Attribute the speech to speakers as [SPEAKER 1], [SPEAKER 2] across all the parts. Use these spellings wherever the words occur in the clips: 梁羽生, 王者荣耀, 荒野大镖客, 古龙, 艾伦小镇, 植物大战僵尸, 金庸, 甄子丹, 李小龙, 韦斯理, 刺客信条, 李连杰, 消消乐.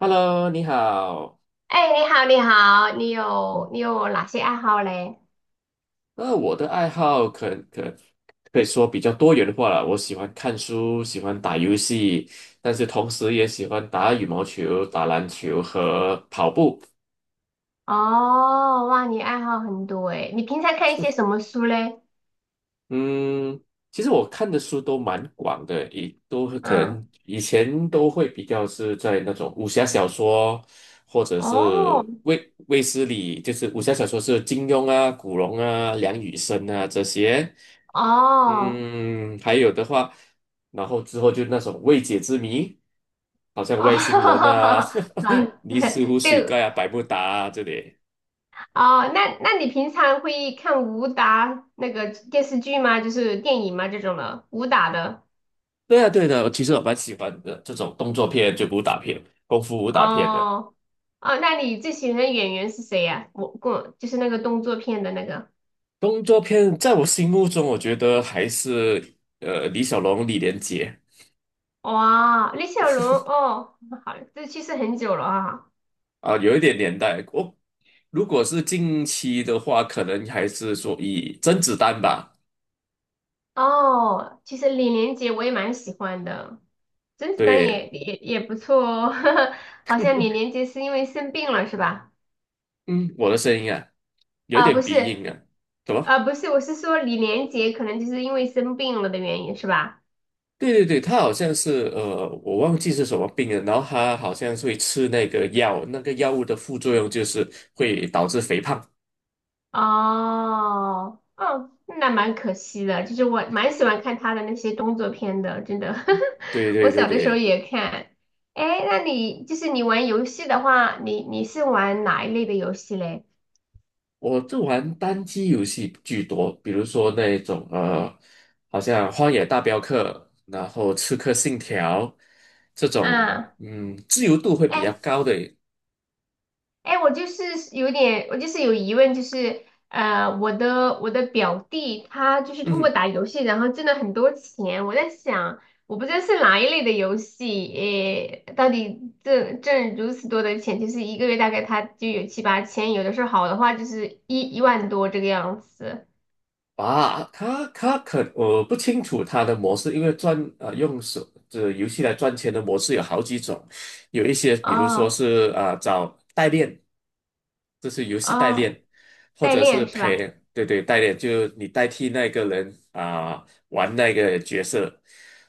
[SPEAKER 1] Hello，你好。
[SPEAKER 2] 哎，你好，你好，你有哪些爱好嘞？
[SPEAKER 1] 那我的爱好可以说比较多元化了。我喜欢看书，喜欢打游戏，但是同时也喜欢打羽毛球、打篮球和跑步。
[SPEAKER 2] 哦，哇，你爱好很多哎。你平常看一些什么书嘞？
[SPEAKER 1] 嗯，其实我看的书都蛮广的，也都可
[SPEAKER 2] 嗯，
[SPEAKER 1] 能以前都会比较是在那种武侠小说，或者是
[SPEAKER 2] 哦，
[SPEAKER 1] 卫斯理，就是武侠小说是金庸啊、古龙啊、梁羽生啊这些。
[SPEAKER 2] 哦，
[SPEAKER 1] 嗯，还有的话，然后之后就那种未解之谜，好像
[SPEAKER 2] 哦，
[SPEAKER 1] 外星人啊、
[SPEAKER 2] 好，
[SPEAKER 1] 尼斯湖水
[SPEAKER 2] 对。
[SPEAKER 1] 怪啊、百慕达啊这里。
[SPEAKER 2] 哦，那你平常会看武打那个电视剧吗？就是电影吗？这种的武打的？
[SPEAKER 1] 对啊，对的，我其实我蛮喜欢的这种动作片，就武打片、功夫武打片的。
[SPEAKER 2] 哦，哦，那你最喜欢的演员是谁呀、我就是那个动作片的那个。
[SPEAKER 1] 动作片在我心目中，我觉得还是李小龙、李连杰
[SPEAKER 2] 哇，李小龙哦，好，这去世很久了啊。
[SPEAKER 1] 啊，有一点年代。我、如果是近期的话，可能还是说以甄子丹吧。
[SPEAKER 2] 哦，其实李连杰我也蛮喜欢的，甄子丹也
[SPEAKER 1] 对，
[SPEAKER 2] 也也不错哦。好像李连杰是因为生病了是吧？
[SPEAKER 1] 嗯，我的声音啊，有一
[SPEAKER 2] 啊，
[SPEAKER 1] 点
[SPEAKER 2] 不
[SPEAKER 1] 鼻
[SPEAKER 2] 是。
[SPEAKER 1] 音啊，怎么？
[SPEAKER 2] 啊，不是，我是说李连杰可能就是因为生病了的原因是吧？
[SPEAKER 1] 对对对，他好像是，我忘记是什么病了，然后他好像是会吃那个药，那个药物的副作用就是会导致肥胖。
[SPEAKER 2] 哦，哦，那蛮可惜的。就是我蛮喜欢看他的那些动作片的，真的。
[SPEAKER 1] 对对
[SPEAKER 2] 我
[SPEAKER 1] 对
[SPEAKER 2] 小的时候
[SPEAKER 1] 对，
[SPEAKER 2] 也看。哎，那你就是你玩游戏的话，你是玩哪一类的游戏嘞？
[SPEAKER 1] 我就玩单机游戏居多，比如说那种，好像《荒野大镖客》，然后《刺客信条》这种，
[SPEAKER 2] 嗯，
[SPEAKER 1] 嗯，自由度会
[SPEAKER 2] 哎，
[SPEAKER 1] 比较高的。
[SPEAKER 2] 哎，我就是有疑问，就是我的表弟他就是通过
[SPEAKER 1] 嗯，
[SPEAKER 2] 打游戏，然后挣了很多钱。我在想，我不知道是哪一类的游戏，诶，到底挣如此多的钱，就是一个月大概他就有七八千，有的时候好的话就是一万多这个样子。
[SPEAKER 1] 啊，他可我不清楚他的模式，因为赚啊，用手这游戏来赚钱的模式有好几种，有一些比如说
[SPEAKER 2] 哦，
[SPEAKER 1] 是啊、找代练，这是游戏代
[SPEAKER 2] 哦，
[SPEAKER 1] 练，或
[SPEAKER 2] 代
[SPEAKER 1] 者是
[SPEAKER 2] 练是
[SPEAKER 1] 陪
[SPEAKER 2] 吧？
[SPEAKER 1] 对对代练，就你代替那个人啊、玩那个角色，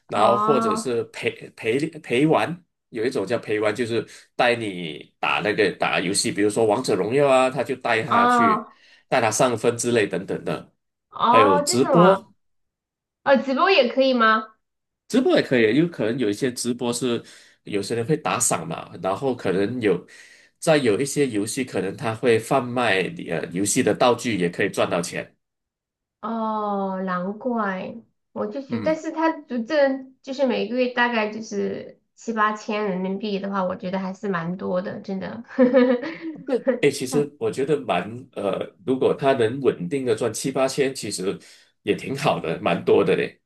[SPEAKER 1] 然后或者
[SPEAKER 2] 哦，
[SPEAKER 1] 是陪玩，有一种叫陪玩，就是带你打那个打游戏，比如说王者荣耀啊，他就带他去。
[SPEAKER 2] 哦，
[SPEAKER 1] 大他上分之类等等的，还有
[SPEAKER 2] 哦，这是
[SPEAKER 1] 直
[SPEAKER 2] 什么？
[SPEAKER 1] 播，
[SPEAKER 2] 哦，直播也可以吗？
[SPEAKER 1] 直播也可以，有可能有一些直播是有些人会打赏嘛，然后可能有在有一些游戏，可能他会贩卖游戏的道具，也可以赚到钱。
[SPEAKER 2] 哦，难怪，我就觉得，但
[SPEAKER 1] 嗯，
[SPEAKER 2] 是这就是每个月大概就是7、8千人民币的话，我觉得还是蛮多的，真的。
[SPEAKER 1] 这哎，其实我觉得蛮，如果他能稳定的赚七八千，其实也挺好的，蛮多的嘞。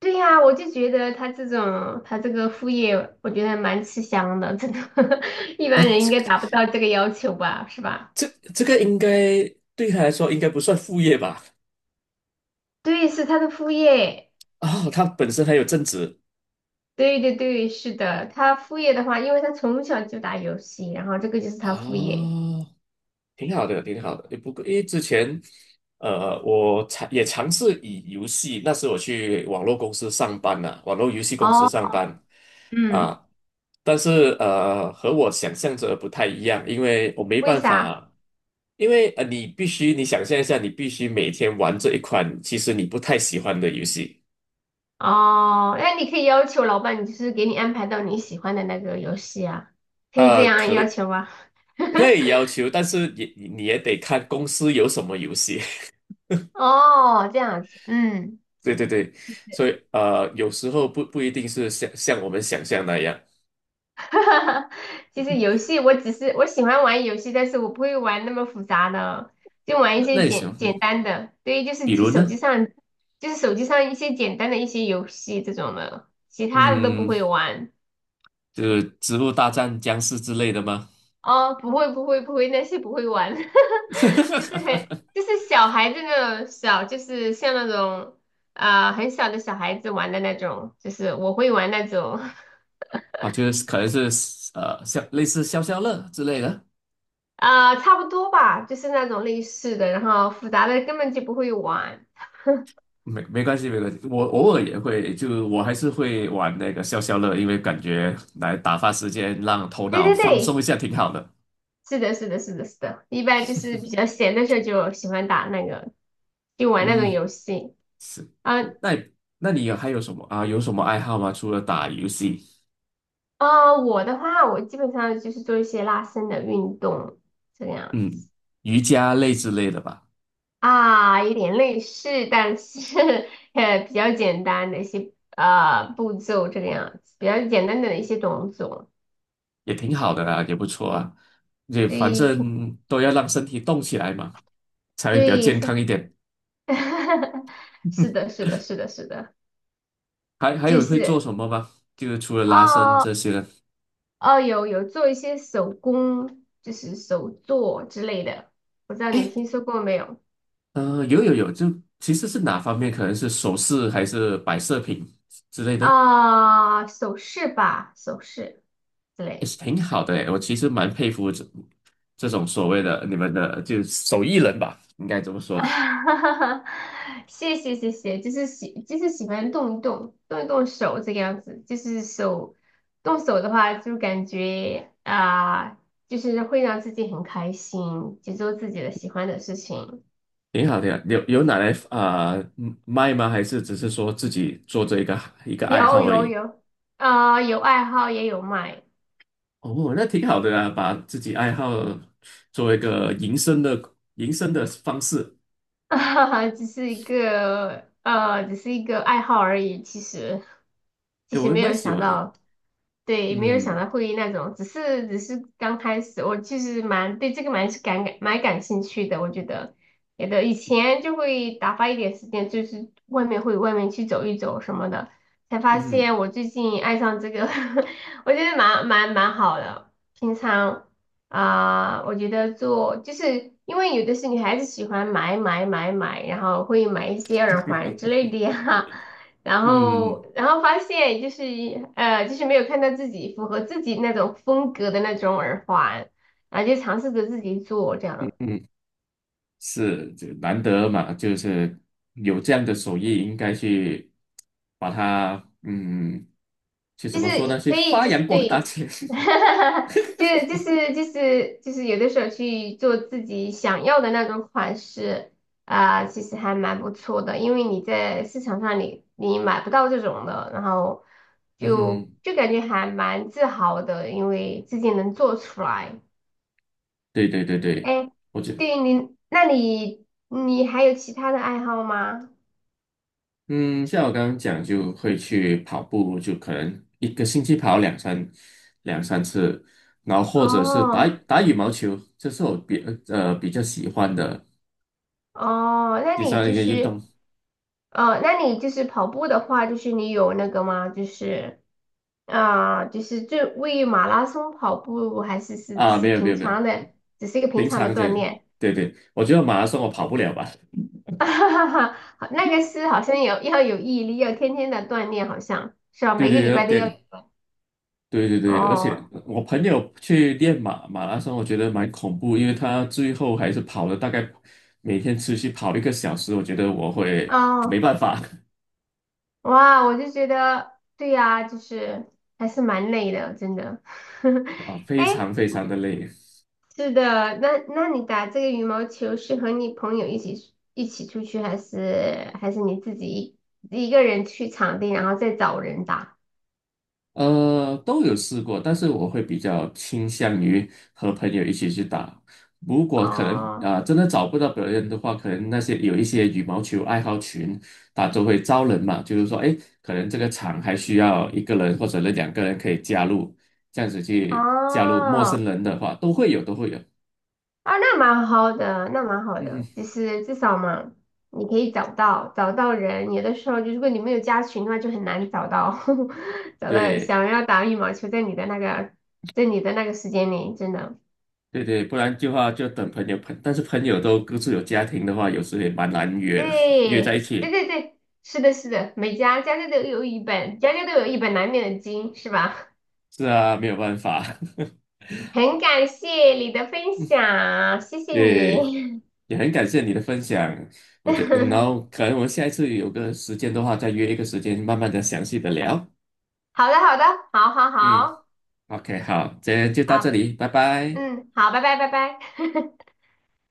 [SPEAKER 2] 对呀，我就觉得他这个副业，我觉得蛮吃香的，真的。一
[SPEAKER 1] 啊，
[SPEAKER 2] 般人应该达不到这个要求吧，是吧？
[SPEAKER 1] 这这个应该对他来说应该不算副业吧？
[SPEAKER 2] 对，是他的副业。
[SPEAKER 1] 啊，他本身还有正职。
[SPEAKER 2] 对，对，对，是的，他副业的话，因为他从小就打游戏，然后这个就是
[SPEAKER 1] 啊。
[SPEAKER 2] 他副业。
[SPEAKER 1] 挺好的，挺好的。不过因为之前，我尝也尝试以游戏，那时我去网络公司上班呐、网络游戏公司上
[SPEAKER 2] 哦，
[SPEAKER 1] 班
[SPEAKER 2] 嗯，
[SPEAKER 1] 啊，但是，和我想象着不太一样，因为我没
[SPEAKER 2] 为
[SPEAKER 1] 办
[SPEAKER 2] 啥？
[SPEAKER 1] 法，因为，你必须你想象一下，你必须每天玩这一款其实你不太喜欢的游戏
[SPEAKER 2] 哦，那你可以要求老板，就是给你安排到你喜欢的那个游戏啊，可以这
[SPEAKER 1] 啊，
[SPEAKER 2] 样要求吗？
[SPEAKER 1] 可以 要求，但是也你你也得看公司有什么游戏。
[SPEAKER 2] 哦，这样子，嗯。
[SPEAKER 1] 对对对，所以，有时候不不一定是像我们想象那样。
[SPEAKER 2] 其实游戏我只是我喜欢玩游戏，但是我不会玩那么复杂的，就玩一
[SPEAKER 1] 那那
[SPEAKER 2] 些
[SPEAKER 1] 也行，
[SPEAKER 2] 简
[SPEAKER 1] 嗯
[SPEAKER 2] 简单的，对，就是
[SPEAKER 1] 比如
[SPEAKER 2] 手机
[SPEAKER 1] 呢？
[SPEAKER 2] 上就是手机上一些简单的一些游戏这种的，其他的都不
[SPEAKER 1] 嗯，
[SPEAKER 2] 会玩。
[SPEAKER 1] 就是《植物大战僵尸》之类的吗？
[SPEAKER 2] 哦，不会，不会，不会，那些不会玩。就是很 就是小孩子那种小，就是像那种啊、很小的小孩子玩的那种，就是我会玩那种。
[SPEAKER 1] 啊，就是可能是，像类似消消乐之类的。
[SPEAKER 2] 啊、差不多吧，就是那种类似的，然后复杂的根本就不会玩。
[SPEAKER 1] 没没关系，没关系，我偶尔也会，就我还是会玩那个消消乐，因为感觉来打发时间，让头
[SPEAKER 2] 对，
[SPEAKER 1] 脑
[SPEAKER 2] 对，
[SPEAKER 1] 放松
[SPEAKER 2] 对，
[SPEAKER 1] 一下，挺好的。
[SPEAKER 2] 是的，是的，是的，是的，一般就是比较闲的时候就喜欢打那个，就玩那种
[SPEAKER 1] 嗯，
[SPEAKER 2] 游戏啊。
[SPEAKER 1] 那那你有还有什么啊？有什么爱好吗？除了打游戏？
[SPEAKER 2] 啊、我的话，我基本上就是做一些拉伸的运动这样
[SPEAKER 1] 嗯，
[SPEAKER 2] 子。
[SPEAKER 1] 瑜伽类之类的吧，
[SPEAKER 2] 啊，有点类似，但是比较简单的一些步骤这个样子，比较简单的一些动作。
[SPEAKER 1] 也挺好的啊，也不错啊，也反
[SPEAKER 2] 对，
[SPEAKER 1] 正都要让身体动起来嘛，才会比较
[SPEAKER 2] 对
[SPEAKER 1] 健
[SPEAKER 2] 是。
[SPEAKER 1] 康一点。
[SPEAKER 2] 是的，是的，是的，是的。
[SPEAKER 1] 还还
[SPEAKER 2] 就
[SPEAKER 1] 有会做
[SPEAKER 2] 是，
[SPEAKER 1] 什么吗？就是除了拉伸
[SPEAKER 2] 哦，
[SPEAKER 1] 这些呢？
[SPEAKER 2] 哦，有做一些手工，就是手作之类的，不知道你听说过没有？
[SPEAKER 1] 有有有，就其实是哪方面？可能是首饰还是摆设品之类的，
[SPEAKER 2] 啊、首饰吧，首饰之
[SPEAKER 1] 也
[SPEAKER 2] 类
[SPEAKER 1] 是
[SPEAKER 2] 的。
[SPEAKER 1] 挺好的诶。我其实蛮佩服这种所谓的你们的就手艺人吧，应该这么 说。
[SPEAKER 2] 哈哈哈，谢谢，就是喜欢动一动手这个样子，就是动手的话，就感觉啊、就是会让自己很开心，去做自己的喜欢的事情。
[SPEAKER 1] 挺好，挺好。有有拿来啊、嗯卖吗？还是只是说自己做这一个一个爱
[SPEAKER 2] 有，
[SPEAKER 1] 好而
[SPEAKER 2] 有，
[SPEAKER 1] 已？
[SPEAKER 2] 有。啊、有爱好也有卖。
[SPEAKER 1] 哦，那挺好的啊，把自己爱好作为一个营生的方式，
[SPEAKER 2] 啊，只是一个爱好而已。其实，其
[SPEAKER 1] 哎，我
[SPEAKER 2] 实
[SPEAKER 1] 也
[SPEAKER 2] 没
[SPEAKER 1] 蛮
[SPEAKER 2] 有
[SPEAKER 1] 喜
[SPEAKER 2] 想
[SPEAKER 1] 欢的。
[SPEAKER 2] 到。对，没有想
[SPEAKER 1] 嗯
[SPEAKER 2] 到会那种，只是刚开始，我其实蛮对这个蛮是蛮感兴趣的。我觉得，觉的以前就会打发一点时间，就是外面去走一走什么的，才发
[SPEAKER 1] 嗯哼
[SPEAKER 2] 现我最近爱上这个。我觉得蛮好的。平常。啊、我觉得就是因为有的是女孩子喜欢买买买买，然后会买一些耳环之类的呀。然
[SPEAKER 1] 嗯
[SPEAKER 2] 后然后发现就是就是没有看到自己符合自己那种风格的那种耳环，然后就尝试着自己做这
[SPEAKER 1] 嗯，
[SPEAKER 2] 样。
[SPEAKER 1] 嗯是，这难得嘛，就是有这样的手艺，应该去把它嗯，去怎
[SPEAKER 2] 就
[SPEAKER 1] 么
[SPEAKER 2] 是
[SPEAKER 1] 说呢？去
[SPEAKER 2] 可以，
[SPEAKER 1] 发
[SPEAKER 2] 就是
[SPEAKER 1] 扬光大
[SPEAKER 2] 对。
[SPEAKER 1] 去。
[SPEAKER 2] 就是有的时候去做自己想要的那种款式啊、其实还蛮不错的，因为你在市场上你买不到这种的，然后
[SPEAKER 1] 嗯哼嗯
[SPEAKER 2] 就
[SPEAKER 1] 哼，
[SPEAKER 2] 就感觉还蛮自豪的，因为自己能做出来。
[SPEAKER 1] 对对对对。
[SPEAKER 2] 哎，
[SPEAKER 1] 我觉得。
[SPEAKER 2] 对你，那你还有其他的爱好吗？
[SPEAKER 1] 嗯，像我刚刚讲，就会去跑步，就可能一个星期跑两三次，然后或者是打
[SPEAKER 2] 哦，
[SPEAKER 1] 打羽毛球，这是我比比较喜欢的
[SPEAKER 2] 哦，那
[SPEAKER 1] 第
[SPEAKER 2] 你
[SPEAKER 1] 三一
[SPEAKER 2] 就
[SPEAKER 1] 个运
[SPEAKER 2] 是。
[SPEAKER 1] 动
[SPEAKER 2] 那你就是跑步的话，就是你有那个吗？就是啊、就是为马拉松跑步，还是只
[SPEAKER 1] 啊。
[SPEAKER 2] 是
[SPEAKER 1] 没有没
[SPEAKER 2] 平
[SPEAKER 1] 有没有，
[SPEAKER 2] 常的，只是一个平
[SPEAKER 1] 平
[SPEAKER 2] 常的
[SPEAKER 1] 常在
[SPEAKER 2] 锻炼？
[SPEAKER 1] 对对，我觉得马拉松我跑不了吧？
[SPEAKER 2] 哈哈哈，好，那个好像要有毅力，要天天的锻炼，好像是吧？
[SPEAKER 1] 对
[SPEAKER 2] 每个礼
[SPEAKER 1] 对
[SPEAKER 2] 拜都要。
[SPEAKER 1] 对对对对对，而
[SPEAKER 2] 哦，
[SPEAKER 1] 且我朋友去练马拉松，我觉得蛮恐怖，因为他最后还是跑了大概每天持续跑1个小时，我觉得我会没
[SPEAKER 2] 哦，
[SPEAKER 1] 办法。
[SPEAKER 2] 哇，我就觉得对呀、就是还是蛮累的，真的。
[SPEAKER 1] 啊，非
[SPEAKER 2] 哎，
[SPEAKER 1] 常非常的累，
[SPEAKER 2] 是的，那你打这个羽毛球是和你朋友一起出去，还是你自己一个人去场地，然后再找人打？
[SPEAKER 1] 都有试过，但是我会比较倾向于和朋友一起去打。如果可能
[SPEAKER 2] 哦，
[SPEAKER 1] 啊、真的找不到别人的话，可能那些有一些羽毛球爱好群，他都会招人嘛，就是说，哎，可能这个场还需要一个人或者2个人可以加入，这样子去加入陌
[SPEAKER 2] 哦，
[SPEAKER 1] 生人的话，都会有，都会有。
[SPEAKER 2] 啊，那蛮好的，那蛮好
[SPEAKER 1] 嗯，
[SPEAKER 2] 的，就是至少嘛，你可以找到人。有的时候，就如果你没有加群的话，就很难找到
[SPEAKER 1] 对
[SPEAKER 2] 想要打羽毛球在你的那个时间里，真的。
[SPEAKER 1] 对对，不然的话就等朋友朋，但是朋友都各自有家庭的话，有时也蛮难约的，约在一
[SPEAKER 2] 对，对，
[SPEAKER 1] 起。
[SPEAKER 2] 对，对，是的，是的，家家都有一本，家家都有一本难念的经，是吧？
[SPEAKER 1] 是啊，没有办法。
[SPEAKER 2] 很感谢你的分享，谢 谢
[SPEAKER 1] 对，
[SPEAKER 2] 你。
[SPEAKER 1] 也很感谢你的分享。我觉得，嗯然后 可能我们下一次有个时间的话，再约一个时间，慢慢的详细的聊。
[SPEAKER 2] 好的，好的，好，好，
[SPEAKER 1] 嗯
[SPEAKER 2] 好，
[SPEAKER 1] ，OK，好，今天就到这
[SPEAKER 2] 好，
[SPEAKER 1] 里，拜拜。
[SPEAKER 2] 嗯，好，拜拜，拜拜。